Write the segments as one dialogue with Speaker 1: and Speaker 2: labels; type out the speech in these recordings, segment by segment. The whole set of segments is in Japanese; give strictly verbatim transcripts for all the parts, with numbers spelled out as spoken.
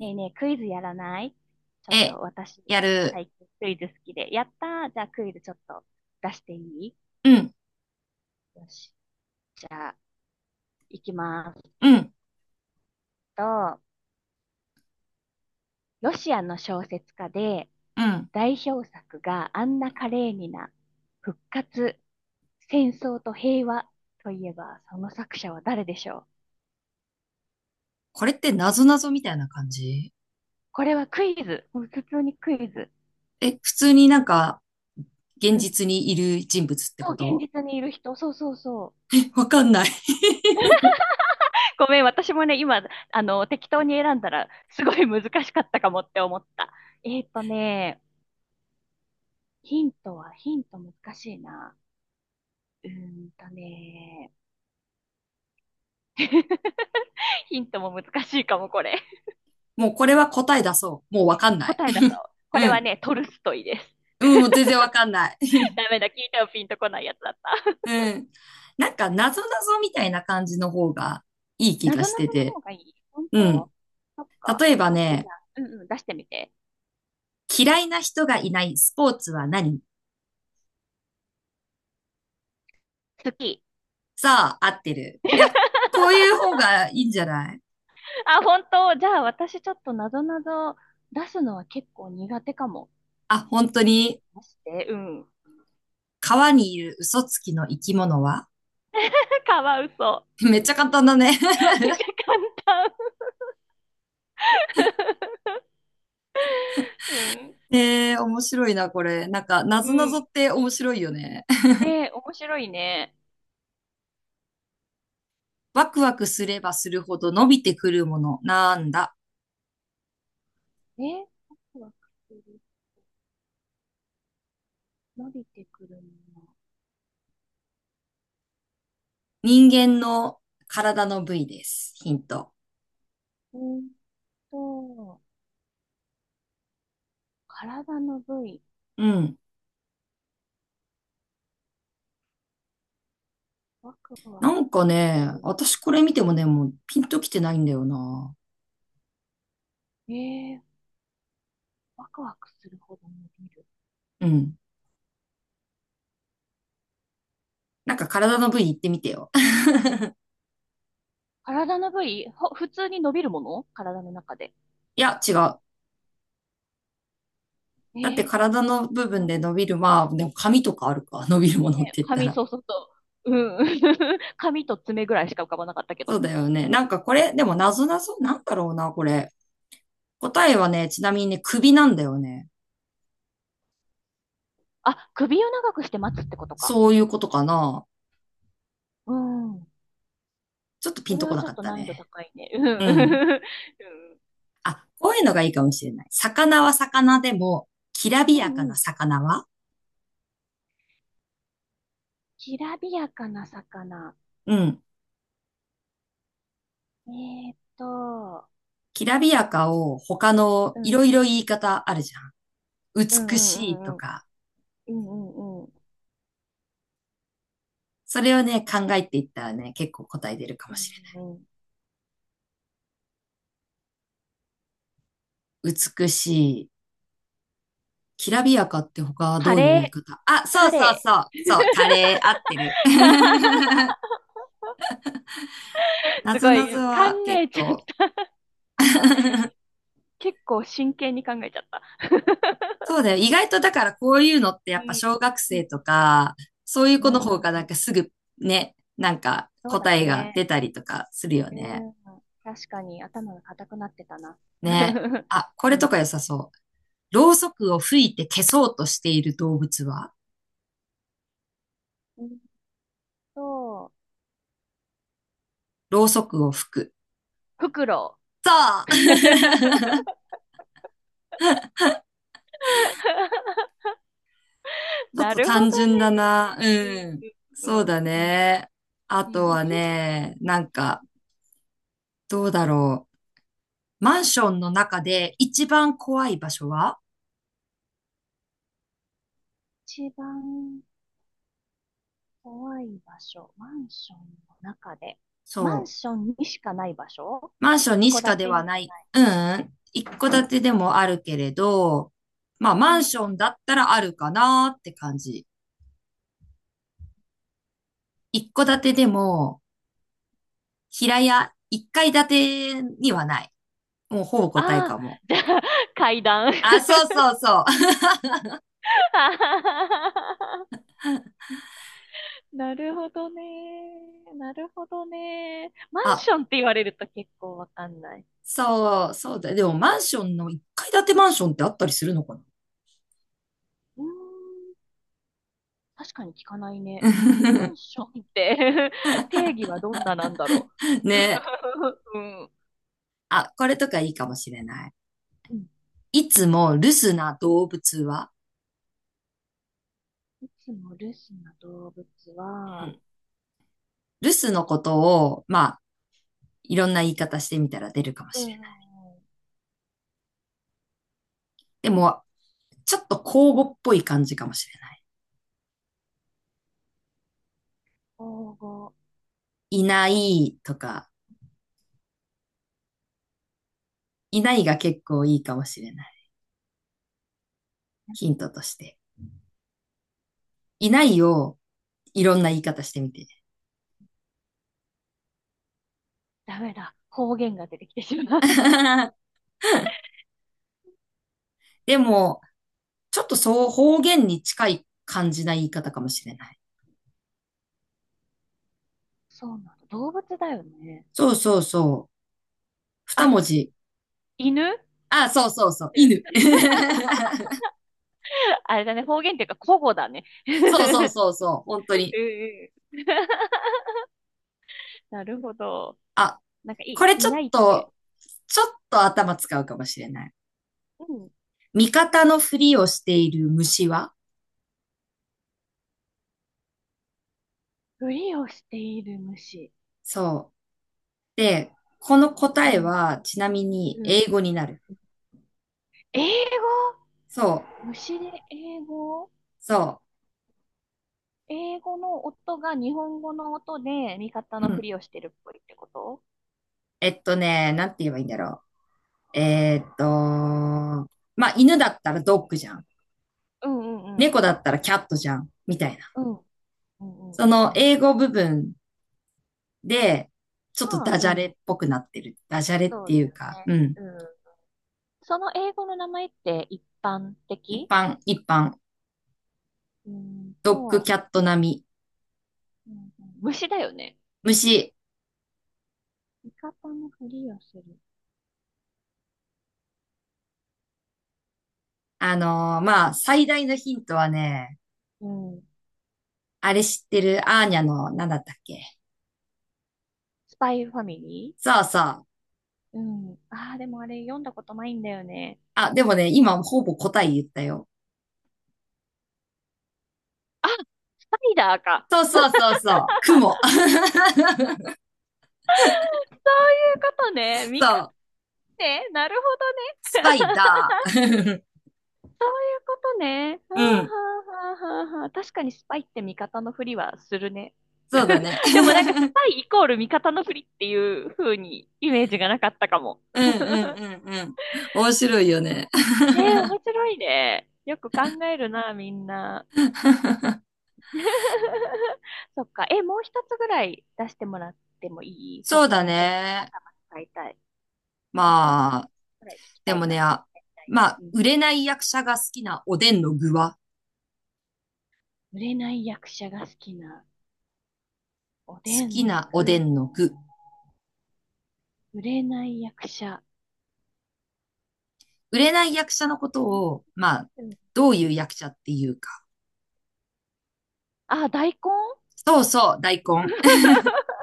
Speaker 1: ねえねえ、クイズやらない？ちょっと
Speaker 2: え、
Speaker 1: 私、
Speaker 2: やる。
Speaker 1: 最近クイズ好きで。やったー、じゃあクイズちょっと出していい？
Speaker 2: うん、
Speaker 1: よし。じゃあ、いきます
Speaker 2: うん、
Speaker 1: と、ロシアの小説家で、
Speaker 2: うん。
Speaker 1: 代表作がアンナ・カレーニナ、復活、戦争と平和といえば、その作者は誰でしょう？
Speaker 2: これって謎々みたいな感じ？
Speaker 1: これはクイズ。もう普通にクイズ。
Speaker 2: え、普通になんか、現
Speaker 1: うん。
Speaker 2: 実にいる人物って
Speaker 1: そ
Speaker 2: こ
Speaker 1: う、現
Speaker 2: と？
Speaker 1: 実にいる人。そうそうそう。
Speaker 2: え、 わかんない。
Speaker 1: ごめん、私もね、今、あの、適当に選んだら、すごい難しかったかもって思った。えっとね、ヒントは、ヒント難しいな。うーんとね、ヒントも難しいかも、これ。
Speaker 2: もうこれは答え出そう。もうわかんない。
Speaker 1: 答え出そう。こ
Speaker 2: う
Speaker 1: れは
Speaker 2: ん。
Speaker 1: ね、トルストイです。
Speaker 2: うん、もう全然わかんない。
Speaker 1: ダメだ、聞いてもピンとこないやつだった。
Speaker 2: うん。なんか、謎々みたいな感じの方がいい気
Speaker 1: な
Speaker 2: が
Speaker 1: ぞ
Speaker 2: し
Speaker 1: な
Speaker 2: て
Speaker 1: ぞの
Speaker 2: て。
Speaker 1: 方がいい、本
Speaker 2: うん。
Speaker 1: 当？そっか。
Speaker 2: 例えば
Speaker 1: オッケー、じ
Speaker 2: ね、
Speaker 1: ゃあ、うんうん、出してみて。
Speaker 2: 嫌いな人がいないスポーツは何？
Speaker 1: 好き。
Speaker 2: さあ、合ってる。いや、こう いう方がいいんじゃない？
Speaker 1: あ、本当？じゃあ、私ちょっとなぞなぞ出すのは結構苦手かも。
Speaker 2: あ、本当に？
Speaker 1: まして、うん。
Speaker 2: 川にいる嘘つきの生き物は？
Speaker 1: カワウソ。
Speaker 2: めっちゃ簡単だね。
Speaker 1: めっちゃ簡単。うん。
Speaker 2: えー、面白いな、これ。なんか、な
Speaker 1: う
Speaker 2: ぞなぞ
Speaker 1: ん。
Speaker 2: って面白いよね。
Speaker 1: ね、面白いね。
Speaker 2: ワクワクすればするほど伸びてくるもの、なんだ。
Speaker 1: ね、ワクワクする、伸びてくるも
Speaker 2: 人間の体の部位です。ヒント。
Speaker 1: の。うんと、体の部位、
Speaker 2: うん。
Speaker 1: ワクワ
Speaker 2: な
Speaker 1: ク
Speaker 2: んか
Speaker 1: す
Speaker 2: ね、
Speaker 1: る
Speaker 2: 私
Speaker 1: 部
Speaker 2: これ見てもね、もうピンときてないんだよな。
Speaker 1: 位。えー、ワクワクするほど伸びる。
Speaker 2: うん。なんか体の部位言ってみてよ。
Speaker 1: 体の部位、ほ普通に伸びるもの体の中で。
Speaker 2: いや、違う。
Speaker 1: え
Speaker 2: だって
Speaker 1: ー、
Speaker 2: 体の部分
Speaker 1: 体
Speaker 2: で
Speaker 1: っ
Speaker 2: 伸びる、まあ、でも髪とかあるか、伸びるものっ
Speaker 1: て、
Speaker 2: て言った
Speaker 1: 髪、
Speaker 2: ら。
Speaker 1: そうそうそう。うん。髪と爪ぐらいしか浮かばなかったけ
Speaker 2: そ
Speaker 1: ど。
Speaker 2: うだよね。なんかこれ、でも謎なぞ、なんだろうな、これ。答えはね、ちなみにね、首なんだよね。
Speaker 1: あ、首を長くして待つってことか。
Speaker 2: そういうことかな。
Speaker 1: うん。
Speaker 2: ちょっとピ
Speaker 1: こ
Speaker 2: ン
Speaker 1: れ
Speaker 2: とこ
Speaker 1: は
Speaker 2: な
Speaker 1: ちょ
Speaker 2: か
Speaker 1: っ
Speaker 2: っ
Speaker 1: と
Speaker 2: た
Speaker 1: 難易度
Speaker 2: ね。
Speaker 1: 高いね。うん。
Speaker 2: うん。
Speaker 1: うん。
Speaker 2: あ、こういうのがいいかもしれない。魚は魚でも、きらび
Speaker 1: う
Speaker 2: やか
Speaker 1: んう
Speaker 2: な
Speaker 1: ん。
Speaker 2: 魚は？
Speaker 1: きらびやかな魚。
Speaker 2: うん。
Speaker 1: えーっと、
Speaker 2: きらびやかを他の
Speaker 1: う
Speaker 2: い
Speaker 1: ん、
Speaker 2: ろいろ言い方あるじゃん。
Speaker 1: うん、う
Speaker 2: 美しいと
Speaker 1: ん、うん、
Speaker 2: か。
Speaker 1: うん、うん、うん、
Speaker 2: それをね、考えていったらね、結構答え出るかもしれ
Speaker 1: うん、うん。
Speaker 2: ない。美しい、きらびやかって他は
Speaker 1: カ
Speaker 2: どういう
Speaker 1: レ
Speaker 2: 言
Speaker 1: ー、
Speaker 2: い方あ、そう
Speaker 1: カ
Speaker 2: そう
Speaker 1: レ
Speaker 2: そう、そう、
Speaker 1: ー。
Speaker 2: カレー合ってる。な
Speaker 1: す
Speaker 2: ぞ
Speaker 1: ご
Speaker 2: なぞ
Speaker 1: い、考
Speaker 2: は結
Speaker 1: えちゃっ
Speaker 2: 構。
Speaker 1: た。結構真剣に考えちゃった。
Speaker 2: そうだよ。意外とだからこういうのってや
Speaker 1: う
Speaker 2: っぱ
Speaker 1: ん。
Speaker 2: 小学
Speaker 1: う
Speaker 2: 生
Speaker 1: ん。
Speaker 2: とか、そういう
Speaker 1: う
Speaker 2: 子の
Speaker 1: んう
Speaker 2: 方
Speaker 1: ん
Speaker 2: が
Speaker 1: う
Speaker 2: なんか
Speaker 1: ん。
Speaker 2: すぐね、なんか
Speaker 1: そうだ
Speaker 2: 答えが
Speaker 1: ね。
Speaker 2: 出たりとかするよ
Speaker 1: う
Speaker 2: ね。
Speaker 1: ん。確かに頭が固くなってたな。
Speaker 2: ね。あ、こ
Speaker 1: う
Speaker 2: れと
Speaker 1: ん。
Speaker 2: か良さそう。ろうそくを吹いて消そうとしている動物は？
Speaker 1: うん、そう。
Speaker 2: ろうそくを吹く。
Speaker 1: フクロ
Speaker 2: そ
Speaker 1: ウ。
Speaker 2: う。 ちょっ
Speaker 1: な
Speaker 2: と
Speaker 1: るほど
Speaker 2: 単純だな。
Speaker 1: ね。
Speaker 2: うん。
Speaker 1: う
Speaker 2: そうだ
Speaker 1: ん
Speaker 2: ね。あ
Speaker 1: う
Speaker 2: と
Speaker 1: ん。うん。
Speaker 2: はね、なんか、どうだろう。マンションの中で一番怖い場所は？
Speaker 1: 一番怖い場所、マンションの中で、
Speaker 2: そ
Speaker 1: マンシ
Speaker 2: う。
Speaker 1: ョンにしかない場所？
Speaker 2: マンション
Speaker 1: 一
Speaker 2: に
Speaker 1: 戸
Speaker 2: し
Speaker 1: 建
Speaker 2: かで
Speaker 1: て
Speaker 2: は
Speaker 1: に
Speaker 2: な
Speaker 1: はな
Speaker 2: い。
Speaker 1: い。
Speaker 2: うん。一戸建てでもあるけれど、まあ、
Speaker 1: う
Speaker 2: マン
Speaker 1: ん、
Speaker 2: ションだったらあるかなって感じ。一戸建てでも、平屋、一階建てにはない。もうほぼ答え
Speaker 1: ああ、
Speaker 2: かも。
Speaker 1: じゃあ、階段。
Speaker 2: あ、そうそうそう。
Speaker 1: なるほどね。なるほどね。マ ン
Speaker 2: あ、
Speaker 1: ションって言われると結構わかんない。
Speaker 2: そう、そうだ。でもマンションのいっかい建てマンションってあったりするのか
Speaker 1: うーん、確かに聞かないね。マ
Speaker 2: な。
Speaker 1: ンションって 定義はどんななんだろ う。
Speaker 2: ね。
Speaker 1: うん。
Speaker 2: あ、これとかいいかもしれない。
Speaker 1: うん。
Speaker 2: いつも留守な動物は、
Speaker 1: いつも留守な動物
Speaker 2: う
Speaker 1: は、
Speaker 2: ん、留守のことを、まあ、いろんな言い方してみたら出るかも
Speaker 1: うー
Speaker 2: しれな
Speaker 1: ん、
Speaker 2: い。でも、ちょっと口語っぽい感じかもしれない。
Speaker 1: 保護、
Speaker 2: いないとか、いないが結構いいかもしれない。ヒントとして。いないをいろんな言い方してみて。
Speaker 1: ダメだ。方言が出てきてしまう。
Speaker 2: でも、ちょっとそう方言に近い感じな言い方かもしれない。
Speaker 1: そうなんだ。動物だよね。
Speaker 2: そうそうそう。二文
Speaker 1: あ、
Speaker 2: 字。
Speaker 1: 犬。
Speaker 2: あ、そうそうそう。犬。
Speaker 1: うん。 あれだね。方言っていうか、古語だね。
Speaker 2: そうそ
Speaker 1: う
Speaker 2: う
Speaker 1: ん。
Speaker 2: そうそう。本当に。
Speaker 1: うん。 なるほど。
Speaker 2: あ、
Speaker 1: なんか
Speaker 2: こ
Speaker 1: い
Speaker 2: れ
Speaker 1: い、
Speaker 2: ち
Speaker 1: い
Speaker 2: ょっ
Speaker 1: ないって。
Speaker 2: と、ちょっと頭使うかもしれない。
Speaker 1: うん。
Speaker 2: 味方のふりをしている虫は？
Speaker 1: ふりをしている虫。
Speaker 2: そう。で、この
Speaker 1: う
Speaker 2: 答え
Speaker 1: ん。
Speaker 2: は、ちなみに
Speaker 1: うん。
Speaker 2: 英語になる。
Speaker 1: 英
Speaker 2: そう。
Speaker 1: 語。虫で英語？
Speaker 2: そ
Speaker 1: 英語の音が日本語の音で味方
Speaker 2: う。
Speaker 1: の
Speaker 2: う
Speaker 1: ふ
Speaker 2: ん。
Speaker 1: りをしてるっぽいってこと？
Speaker 2: えっとね、なんて言えばいいんだろう。えーっと、まあ、犬だったらドッグじゃん。
Speaker 1: うんうんうん。
Speaker 2: 猫だったらキャットじゃん、みたいな。
Speaker 1: うん。うんうん
Speaker 2: そ
Speaker 1: うんう
Speaker 2: の
Speaker 1: ん。
Speaker 2: 英語部分で、ちょっと
Speaker 1: まあ、
Speaker 2: ダジ
Speaker 1: う
Speaker 2: ャレっ
Speaker 1: ん。
Speaker 2: ぽくなってる。ダジャレっ
Speaker 1: そ
Speaker 2: て
Speaker 1: う
Speaker 2: い
Speaker 1: だ
Speaker 2: う
Speaker 1: よ
Speaker 2: か、う
Speaker 1: ね。
Speaker 2: ん。
Speaker 1: うん。その英語の名前って一般
Speaker 2: 一
Speaker 1: 的？
Speaker 2: 般、一般。
Speaker 1: うーん
Speaker 2: ドッグキ
Speaker 1: と、
Speaker 2: ャット並み。
Speaker 1: うんうん、虫だよね。
Speaker 2: 虫。
Speaker 1: 味方のふりをする。
Speaker 2: あのーまあ、最大のヒントはね、
Speaker 1: うん。
Speaker 2: あれ知ってる？アーニャの、なんだったっけ？
Speaker 1: スパイファミリ
Speaker 2: そうそう。
Speaker 1: ー。うん。ああ、でもあれ読んだことないんだよね。
Speaker 2: あ、でもね、今ほぼ答え言ったよ。
Speaker 1: あ、スパイダーか。
Speaker 2: そうそうそうそう。雲。
Speaker 1: そういうことね。味方。
Speaker 2: そう。
Speaker 1: ね、なるほ
Speaker 2: ス
Speaker 1: どね。
Speaker 2: パイダ ー。
Speaker 1: そういうことね。はあ
Speaker 2: うん。
Speaker 1: はあはあはあはあ。確かにスパイって味方のふりはするね。
Speaker 2: そうだね。
Speaker 1: でもなんかスパ イイコール味方のふりっていう風にイメージがなかったかも。
Speaker 2: うん、うん、うん、うん。面
Speaker 1: う
Speaker 2: 白い
Speaker 1: ん。
Speaker 2: よね。
Speaker 1: ねえ、面白いね。よく考えるな、みんな。そっか。え、もう一つぐらい出してもらってもいい？ちょ
Speaker 2: そ
Speaker 1: っ
Speaker 2: う
Speaker 1: と
Speaker 2: だ
Speaker 1: もうちょっと
Speaker 2: ね。
Speaker 1: 頭使いたい。あと一つ
Speaker 2: まあ、
Speaker 1: ぐらい聞き
Speaker 2: で
Speaker 1: たい
Speaker 2: もね、
Speaker 1: な、
Speaker 2: あ、
Speaker 1: みたい
Speaker 2: ま
Speaker 1: な。
Speaker 2: あ、
Speaker 1: うん。
Speaker 2: 売れない役者が好きなおでんの具は、
Speaker 1: 売れない役者が好きなおで
Speaker 2: 好き
Speaker 1: んの
Speaker 2: なおで
Speaker 1: 具、
Speaker 2: んの具。
Speaker 1: 売れない役者。
Speaker 2: 売れない役者のこと
Speaker 1: え、
Speaker 2: を、まあ、
Speaker 1: うん、
Speaker 2: どういう役者っていうか。
Speaker 1: あ、大根。
Speaker 2: そうそう、大根。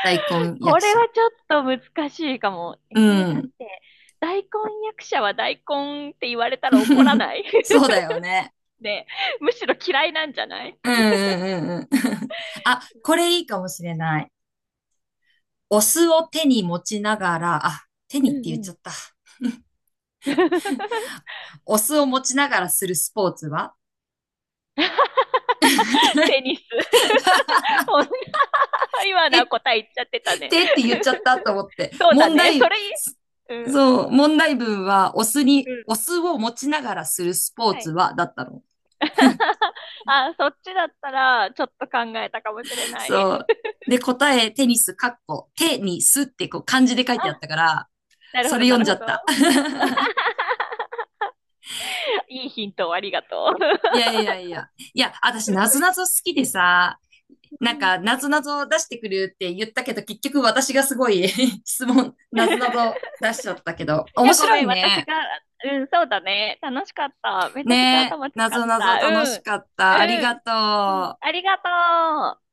Speaker 2: 大根役
Speaker 1: これは
Speaker 2: 者。
Speaker 1: ちょっと難しいかも。え
Speaker 2: う
Speaker 1: ー、だっ
Speaker 2: ん。
Speaker 1: て、大根役者は大根って言われたら怒ら ない？
Speaker 2: そう だよね。
Speaker 1: ね、むしろ嫌いなんじゃない？
Speaker 2: うん、うん、うん、うん。あ、これいいかもしれない。お酢を手に持ちながら、あ、手に
Speaker 1: う
Speaker 2: って
Speaker 1: ん
Speaker 2: 言っ
Speaker 1: う
Speaker 2: ち
Speaker 1: ん。
Speaker 2: ゃった。お酢を持ちながらするスポーツは？
Speaker 1: テニス。女は今の
Speaker 2: えっ？
Speaker 1: は答え言っちゃってたね。
Speaker 2: てって言っちゃったと思って。
Speaker 1: そうだ
Speaker 2: 問
Speaker 1: ね。そ
Speaker 2: 題、
Speaker 1: れいい、うん、
Speaker 2: そう、問題文はお酢に、
Speaker 1: うん。
Speaker 2: お酢を持ちながらするスポー
Speaker 1: は
Speaker 2: ツ
Speaker 1: い。
Speaker 2: はだったの。
Speaker 1: あ、そっちだったら、ちょっと考えたかもしれない。
Speaker 2: そう。で、答え、テニス、かっこ、テニスってこう漢字で書いてあった
Speaker 1: あ、
Speaker 2: から、
Speaker 1: なる
Speaker 2: そ
Speaker 1: ほど、
Speaker 2: れ
Speaker 1: な
Speaker 2: 読
Speaker 1: る
Speaker 2: んじゃ
Speaker 1: ほ
Speaker 2: っ
Speaker 1: ど。
Speaker 2: た。
Speaker 1: いいヒントをありがとう。
Speaker 2: いやいやいや。いや、私、なぞなぞ好きでさ、
Speaker 1: う
Speaker 2: なん
Speaker 1: ん。
Speaker 2: か、なぞなぞ出してくるって言ったけど、結局私がすごい 質問、なぞな
Speaker 1: い
Speaker 2: ぞ出しちゃったけど、面
Speaker 1: や、ご
Speaker 2: 白
Speaker 1: め
Speaker 2: い
Speaker 1: ん、私
Speaker 2: ね。
Speaker 1: が、うん、そうだね。楽しかった。めちゃくちゃ
Speaker 2: ねえ、
Speaker 1: 頭使
Speaker 2: な
Speaker 1: っ
Speaker 2: ぞなぞ
Speaker 1: た。う
Speaker 2: 楽し
Speaker 1: ん、
Speaker 2: かった。
Speaker 1: う
Speaker 2: ありが
Speaker 1: ん、うん、
Speaker 2: と
Speaker 1: あ
Speaker 2: う。
Speaker 1: りがとう。